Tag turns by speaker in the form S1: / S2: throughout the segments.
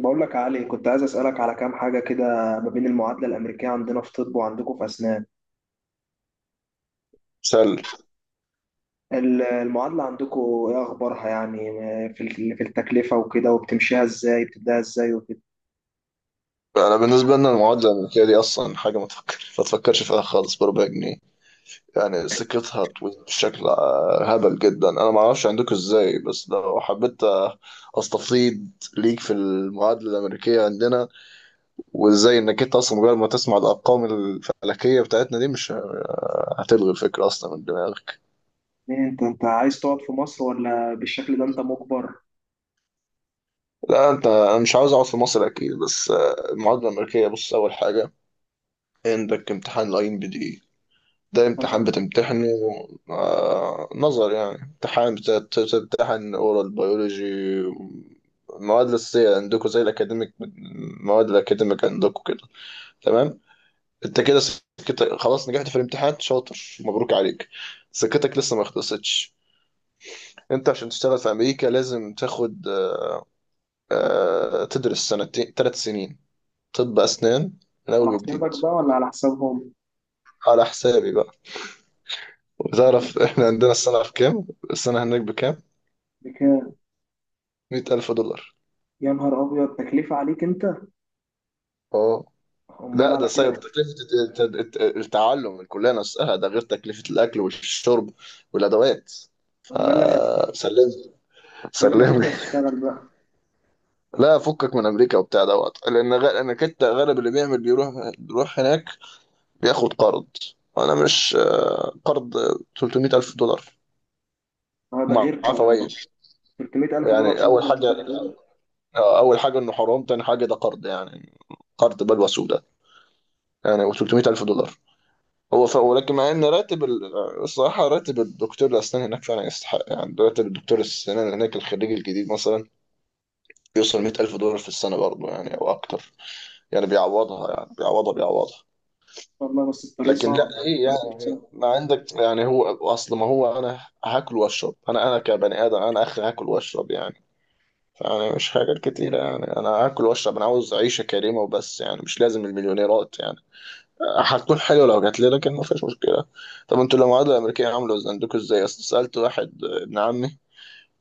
S1: بقول لك يا علي، كنت عايز أسألك على كام حاجة كده ما بين المعادلة الأمريكية عندنا في طب وعندكم في أسنان.
S2: سل.
S1: المعادلة عندكم إيه أخبارها يعني؟ في التكلفة وكده، وبتمشيها إزاي، بتبدأها إزاي وكده.
S2: انا بالنسبه لنا المعادله الامريكيه دي اصلا حاجه ما تفكرش فيها خالص بربع جنيه. يعني سكتها طويل بشكل هبل جدا. انا ما اعرفش عندكم ازاي، بس لو حبيت استفيض ليك في المعادله الامريكيه عندنا. وازاي انك انت اصلا مجرد ما تسمع الارقام الفلكيه بتاعتنا دي مش هتلغي الفكره اصلا من دماغك.
S1: إيه، أنت عايز تقعد في مصر ولا بالشكل ده أنت مجبر؟
S2: لا انت، انا مش عاوز اقعد في مصر اكيد، بس المعادله الامريكيه، بص اول حاجه عندك امتحان الاي ام بي دي. ده
S1: أنت
S2: امتحان بتمتحنه نظر، يعني امتحان بتمتحن اورال بيولوجي، المواد الأساسية عندكم زي الأكاديميك، المواد الأكاديميك عندكم كده. تمام. أنت كده سكتك خلاص، نجحت في الامتحان شاطر، مبروك عليك. سكتك لسه ما خلصتش. أنت عشان تشتغل في أمريكا لازم تاخد تدرس سنتين 3 سنين طب أسنان من أول
S1: على
S2: وجديد.
S1: حسابك بقى ولا على حسابهم؟
S2: على حسابي بقى. وتعرف إحنا عندنا السنة في كام، السنة هناك بكام؟
S1: بكام؟
S2: 100000 دولار.
S1: يا نهار أبيض، تكلفة عليك أنت؟
S2: اه.
S1: أمال
S2: لا ده
S1: على
S2: صاير
S1: كده.
S2: تكلفة التعلم، الكلية نفسها، ده غير تكلفة الأكل والشرب والأدوات.
S1: أمال لما
S2: فسلم،
S1: أمال لما
S2: سلم لي.
S1: تبدأ تشتغل بقى؟
S2: لا فكك من أمريكا وبتاع دوت، لأن لأن كنت غالب اللي بيعمل بيروح، هناك بياخد قرض. أنا مش قرض، 300 ألف دولار
S1: أه ده غير
S2: معاه فوائد.
S1: $300000
S2: يعني
S1: شهر؟
S2: أول حاجة أول حاجة إنه حرام، تاني حاجة ده قرض يعني، قرض بلوى سوداء. يعني و 300 ألف دولار. ولكن مع ان راتب ال... الصراحه راتب الدكتور الاسنان هناك فعلا يستحق. يعني راتب الدكتور الاسنان هناك الخريج الجديد مثلا بيوصل 100000 دولار في السنه برضه، يعني او اكتر. يعني بيعوضها، يعني بيعوضها.
S1: والله بس الطريق
S2: لكن لا
S1: صعب يعني،
S2: ايه
S1: الطريق مش
S2: يعني،
S1: سهل.
S2: ما عندك يعني. هو اصل ما هو انا هاكل واشرب، انا كبني ادم، انا اخي هاكل واشرب يعني. فانا مش حاجات كتيره يعني، انا هاكل واشرب، انا عاوز عيشه كريمه وبس يعني. مش لازم المليونيرات يعني، هتكون حلوه لو جات لي لكن ما فيش مشكله. طب انتوا المعادله الامريكيه عامله ازاي عندكوا ازاي؟ اصل سالت واحد ابن عمي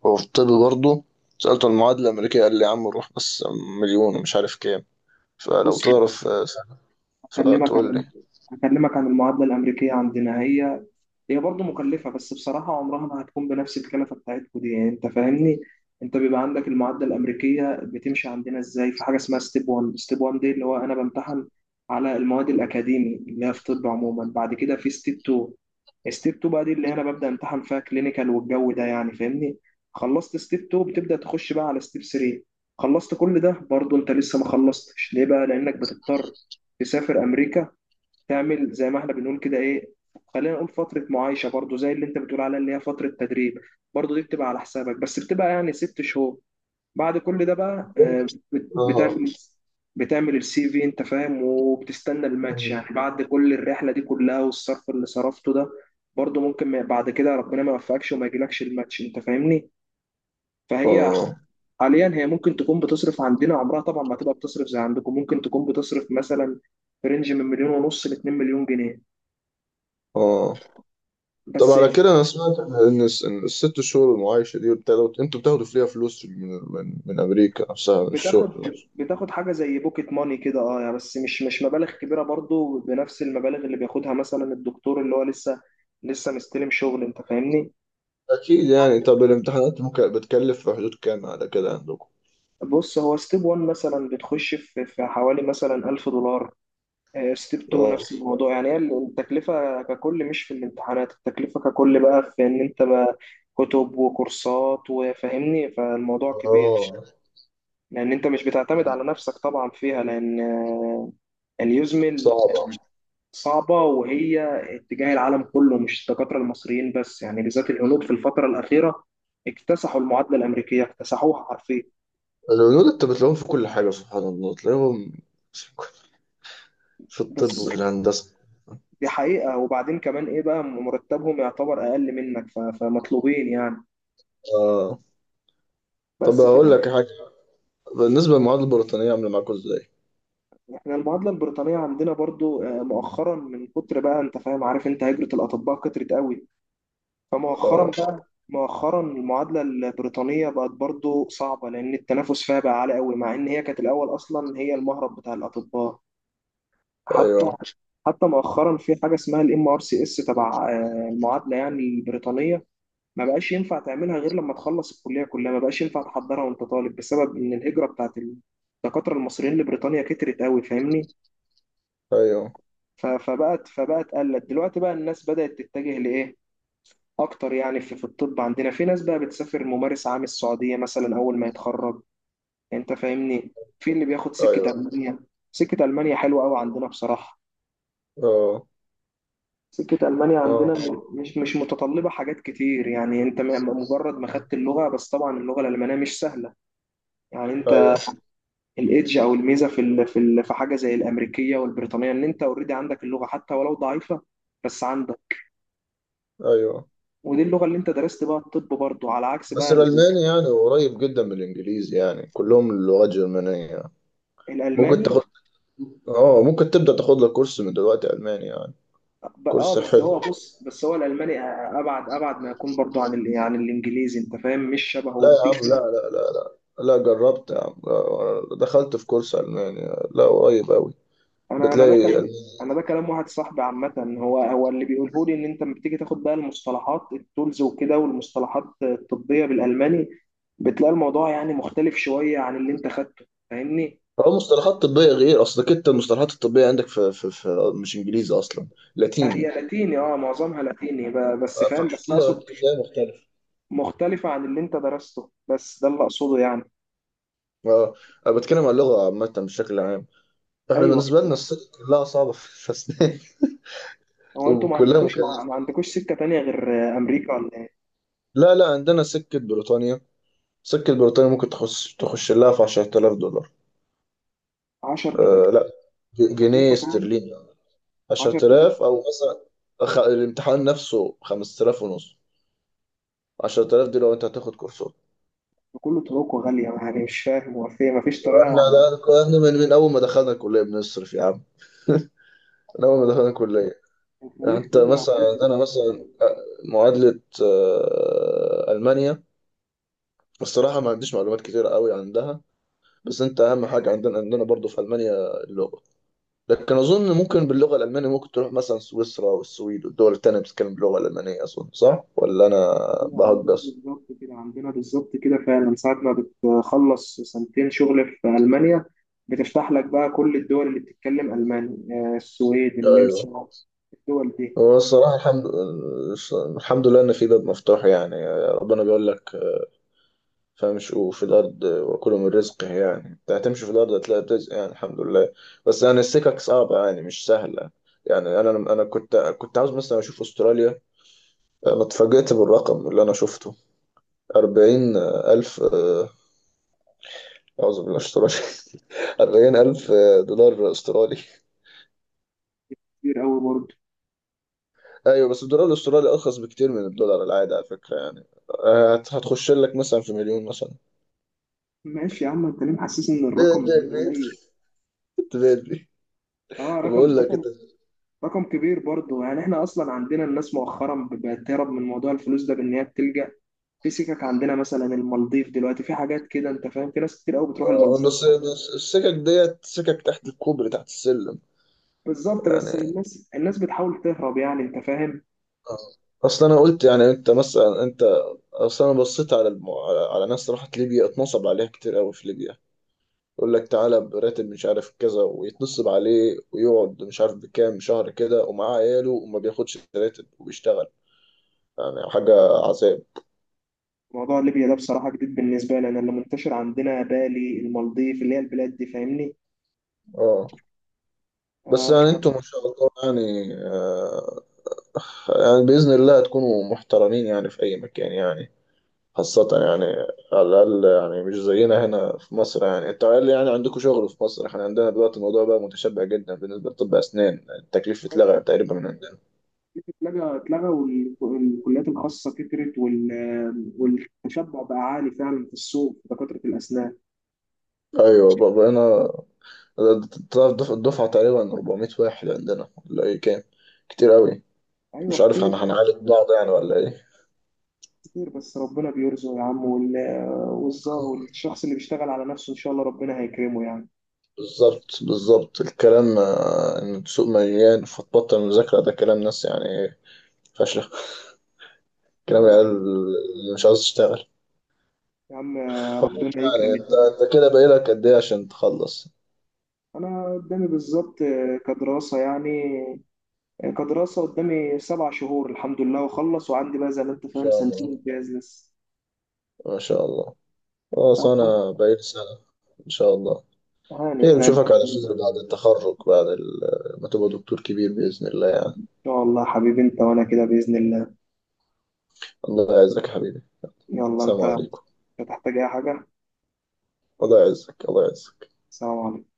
S2: هو في طب برضه، سالته المعادله الامريكيه قال لي يا عم روح بس، مليون ومش عارف كام. فلو
S1: بص،
S2: تعرف
S1: هكلمك عن
S2: فتقول لي.
S1: ال- هكلمك عن المعادلة الأمريكية عندنا. هي برضه مكلفة، بس بصراحة عمرها ما هتكون بنفس الكلفة بتاعتكم دي، يعني أنت فاهمني. أنت بيبقى عندك المعادلة الأمريكية بتمشي عندنا إزاي؟ في حاجة اسمها ستيب 1، ستيب 1 دي اللي هو أنا بمتحن على المواد الأكاديمي اللي هي في طب عموما. بعد كده في ستيب 2. ستيب 2 بقى دي اللي انا ببدا امتحن فيها كلينيكال والجو ده، يعني فاهمني. خلصت ستيب 2 بتبدا تخش بقى على ستيب 3. خلصت كل ده برضه انت لسه ما خلصتش ليه بقى؟ لانك بتضطر تسافر امريكا، تعمل زي ما احنا بنقول كده، ايه، خلينا نقول فتره معايشه برضه، زي اللي انت بتقول عليها اللي هي فتره تدريب. برضه دي بتبقى على حسابك، بس بتبقى يعني 6 شهور. بعد كل ده بقى
S2: اه.
S1: بتعمل بتعمل CV، انت فاهم، وبتستنى الماتش يعني. بعد كل الرحله دي كلها والصرف اللي صرفته ده، برضه ممكن بعد كده ربنا ما يوفقكش وما يجيلكش الماتش، انت فاهمني. فهي
S2: اه.
S1: حاليا هي ممكن تكون بتصرف عندنا، عمرها طبعا ما تبقى بتصرف زي عندكم، ممكن تكون بتصرف مثلا في رينج من مليون ونص ل 2 مليون جنيه.
S2: اه. طب
S1: بس.
S2: على كده، انا سمعت ان إن الست شهور المعايشه دي بتاخدوا فيها فلوس من, امريكا نفسها، من الشغل
S1: بتاخد
S2: نفسه.
S1: بتاخد حاجه زي بوكيت ماني كده، اه يعني، بس مش مبالغ كبيره برضو، بنفس المبالغ اللي بياخدها مثلا الدكتور اللي هو لسه مستلم شغل، انت فاهمني.
S2: اكيد يعني. طب الامتحانات ممكن بتكلف في حدود كام على كده
S1: بص، هو ستيب 1 مثلا بتخش في حوالي مثلا $1000. ستيب 2
S2: عندكم؟
S1: نفس الموضوع يعني، هي التكلفه ككل مش في الامتحانات، التكلفه ككل بقى في ان انت بقى كتب وكورسات وفاهمني، فالموضوع كبير.
S2: اه.
S1: لان انت مش بتعتمد على نفسك طبعا فيها، لان اليوزمل
S2: صعبة.
S1: صعبة. وهي اتجاه العالم كله، مش الدكاترة المصريين بس يعني، بالذات الهنود في الفترة الأخيرة اكتسحوا المعادلة الأمريكية، اكتسحوها حرفيا.
S2: الهنود انت بتلاقيهم في كل حاجة، سبحان الله، تلاقيهم في الطب
S1: بس
S2: وفي الهندسة.
S1: دي حقيقة، وبعدين كمان إيه بقى مرتبهم يعتبر أقل منك، فمطلوبين يعني،
S2: اه. طب
S1: بس
S2: هقول
S1: فاهم.
S2: لك حاجة، بالنسبة للمعادلة البريطانية عاملة معاكوا ازاي؟
S1: إحنا المعادلة البريطانية عندنا برضو مؤخرا، من كتر بقى أنت فاهم، عارف أنت هجرة الأطباء كترت قوي. فمؤخرا
S2: اه.
S1: بقى، مؤخرا المعادلة البريطانية بقت برضو صعبة، لأن التنافس فيها بقى عالي قوي، مع إن هي كانت الأول أصلا هي المهرب بتاع الأطباء. حتى
S2: ايوه.
S1: حتى مؤخرا في حاجه اسمها MRCS تبع المعادله يعني البريطانيه. ما بقاش ينفع تعملها غير لما تخلص الكليه كلها، ما بقاش ينفع تحضرها وانت طالب، بسبب ان الهجره بتاعت الدكاتره المصريين لبريطانيا كترت قوي، فاهمني.
S2: ايوه.
S1: فبقت قلت دلوقتي بقى الناس بدات تتجه لايه اكتر يعني. في الطب عندنا في ناس بقى بتسافر ممارس عام السعوديه مثلا اول ما يتخرج، انت فاهمني. في اللي بياخد سكه
S2: ايوه.
S1: المانيا، سكه المانيا حلوه قوي عندنا بصراحه.
S2: اه.
S1: سكة ألمانيا عندنا
S2: اه.
S1: مش متطلبة حاجات كتير يعني، أنت مجرد ما خدت اللغة، بس طبعا اللغة الألمانية مش سهلة. يعني أنت
S2: ايوه.
S1: الإيدج أو الميزة في حاجة زي الأمريكية والبريطانية إن أنت أوريدي عندك اللغة حتى ولو ضعيفة، بس عندك.
S2: ايوه.
S1: ودي اللغة اللي أنت درست بقى الطب برضه، على عكس
S2: بس
S1: بقى
S2: الألماني يعني قريب جدا من الإنجليزي، يعني كلهم اللغات جرمانية. ممكن
S1: الألماني.
S2: تاخد. اه، ممكن تبدأ تاخد لك كورس من دلوقتي ألماني يعني،
S1: ب- أه
S2: كورس
S1: بس هو،
S2: حلو.
S1: بص، بس هو الألماني أبعد ما يكون برضه عن الإنجليزي، أنت فاهم، مش
S2: لا
S1: شبهه
S2: يا
S1: في.
S2: عم، لا لا لا لا، لا جربت يا عم، دخلت في كورس ألماني، لا قريب أوي،
S1: انا ده
S2: بتلاقي
S1: كلام،
S2: ألماني.
S1: انا ده كلام واحد صاحبي عامه. هو اللي بيقوله لي ان انت لما بتيجي تاخد بقى المصطلحات التولز وكده، والمصطلحات الطبيه بالالماني بتلاقي الموضوع يعني مختلف شويه عن اللي انت خدته، فاهمني.
S2: هو مصطلحات طبية غير أصلك، أنت المصطلحات الطبية عندك في مش إنجليزي أصلا،
S1: هي
S2: لاتيني،
S1: لاتيني، اه، معظمها لاتيني، بس فاهم، بس
S2: فكده
S1: اقصد
S2: بتلاقي مختلف.
S1: مختلفه عن اللي انت درسته، بس ده اللي اقصده يعني.
S2: اه. انا بتكلم عن اللغه عامه بشكل عام. احنا
S1: ايوه،
S2: بالنسبه لنا السكه كلها صعبه في الاسنان
S1: هو انتوا ما
S2: وكلها
S1: عندكوش ما
S2: مكلفه.
S1: ما عندكوش سكه تانية غير امريكا ولا؟
S2: لا لا، عندنا سكه بريطانيا، سكه بريطانيا ممكن تخش لها في 10000 دولار،
S1: 10000.
S2: آه لا، جنيه
S1: تكلفه كلها.
S2: استرليني.
S1: 10000.
S2: 10,000 او مثلا الامتحان نفسه 5000 ونص، 10,000 دي لو انت هتاخد كورسات.
S1: كله طرقه غاليه يعني، مش فاهم، هو في ما فيش
S2: احنا
S1: طريقه؟
S2: ده كنا من اول ما دخلنا الكليه بنصرف يا عم من اول ما دخلنا الكليه. يعني
S1: الخليج
S2: انت
S1: طبعا
S2: مثلا، يعني
S1: عندنا.
S2: انا مثلا معادله المانيا، الصراحه ما عنديش معلومات كتيره قوي عندها. بس انت اهم حاجه، عندنا عندنا برضو في المانيا اللغه. لكن اظن ممكن باللغه الالمانيه ممكن تروح مثلا سويسرا والسويد والدول التانيه بتتكلم باللغه الالمانيه، اظن صح ولا انا
S1: طلع عندنا
S2: بهجص؟
S1: بالظبط كده، عندنا بالظبط كده فعلا ساعة ما بتخلص سنتين شغل في ألمانيا بتفتح لك بقى كل الدول اللي بتتكلم ألماني. السويد،
S2: ايوه.
S1: النمسا، الدول دي.
S2: هو الصراحة الحمد لله إن في باب مفتوح يعني، ربنا بيقول لك فامشوا في الأرض وكلوا من رزقه، يعني أنت هتمشي في الأرض هتلاقي رزق يعني، الحمد لله. بس يعني السكك صعبة يعني، مش سهلة. يعني أنا كنت عاوز مثلا أشوف أستراليا، أنا اتفاجئت بالرقم اللي أنا شفته. 40,000 أعوذ بالله أسترالي 40,000 دولار أسترالي.
S1: كتير أوي برضه.
S2: أيوة، بس الدولار الأسترالي أرخص بكتير من الدولار العادي على فكرة، يعني هتخش لك مثلا في مليون مثلا.
S1: ماشي يا عم، أنت ليه محسسني إن الرقم
S2: بيت بيت
S1: مليون
S2: بيت
S1: قليل؟
S2: بيت بيت،
S1: أه، رقم
S2: بقول لك
S1: رقم
S2: كده
S1: رقم كبير برضه يعني، إحنا أصلا عندنا الناس مؤخرا بقت تهرب من موضوع الفلوس ده، بإن هي بتلجأ في سكك عندنا مثلا المالديف دلوقتي، في حاجات كده، أنت فاهم، في ناس كتير أوي بتروح المالديف.
S2: بس بس السكك ديت سكك تحت الكوبري، تحت السلم
S1: بالظبط، بس
S2: يعني.
S1: الناس بتحاول تهرب يعني، انت فاهم.
S2: آه. اصل انا قلت يعني انت مثلا انت، اصل انا بصيت على على ناس راحت ليبيا اتنصب عليها كتير قوي في ليبيا. يقول لك تعالى براتب مش عارف كذا، ويتنصب عليه ويقعد مش عارف بكام شهر كده ومعاه عياله، وما بياخدش راتب وبيشتغل. يعني حاجة عذاب.
S1: موضوع ليبيا ده بصراحة جديد بالنسبة لي، انا اللي منتشر عندنا بالي المالديف اللي هي البلاد دي، فاهمني.
S2: اه. بس
S1: آه، ف
S2: يعني انتوا ما شاء الله يعني يعني بإذن الله تكونوا محترمين يعني في أي مكان يعني، خاصة يعني، على الأقل يعني مش زينا هنا في مصر. يعني أنت قال لي يعني عندكم شغل في مصر، إحنا عندنا دلوقتي الموضوع بقى متشبع جدا بالنسبة لطب أسنان، التكليف اتلغى تقريبا من عندنا.
S1: اتلغى، اتلغى والكليات الخاصة كترت، والتشبع بقى عالي فعلا في السوق في دكاترة الأسنان.
S2: أيوه، بقينا، الدفعة تقريبا 400 واحد عندنا ولا إيه كام، كتير أوي.
S1: أيوة
S2: مش عارف
S1: كتير.
S2: هنعالج بعض يعني ولا إيه؟
S1: كتير بس ربنا بيرزق يا عم، والشخص اللي بيشتغل على نفسه إن شاء الله ربنا هيكرمه يعني.
S2: بالظبط بالظبط الكلام إن السوق مليان فتبطل مذاكرة، ده كلام ناس يعني فاشلة، كلام
S1: اه يا
S2: العيال
S1: عم،
S2: اللي مش عاوز تشتغل.
S1: يا عم، ربنا يكرم
S2: يعني انت،
S1: الجميع.
S2: انت كده باقي لك قد ايه عشان تخلص؟ ان
S1: أنا قدامي بالظبط، كدراسة يعني، كدراسة قدامي 7 شهور الحمد لله وأخلص، وعندي بقى زي ما أنت فاهم
S2: شاء
S1: سنتين
S2: الله.
S1: امتياز لسه.
S2: ما شاء الله. خلاص انا باقي لي سنة ان شاء الله
S1: هانت
S2: خير،
S1: هانت
S2: نشوفك على
S1: إن
S2: خير بعد التخرج، بعد ما تبقى دكتور كبير بإذن الله يعني.
S1: شاء الله يا حبيبي، أنت وأنا كده بإذن الله.
S2: الله يعزك يا حبيبي.
S1: يلا
S2: السلام
S1: أنت، مش
S2: عليكم.
S1: هتحتاج أي حاجة.
S2: الله يعزك الله يعزك.
S1: سلام عليكم.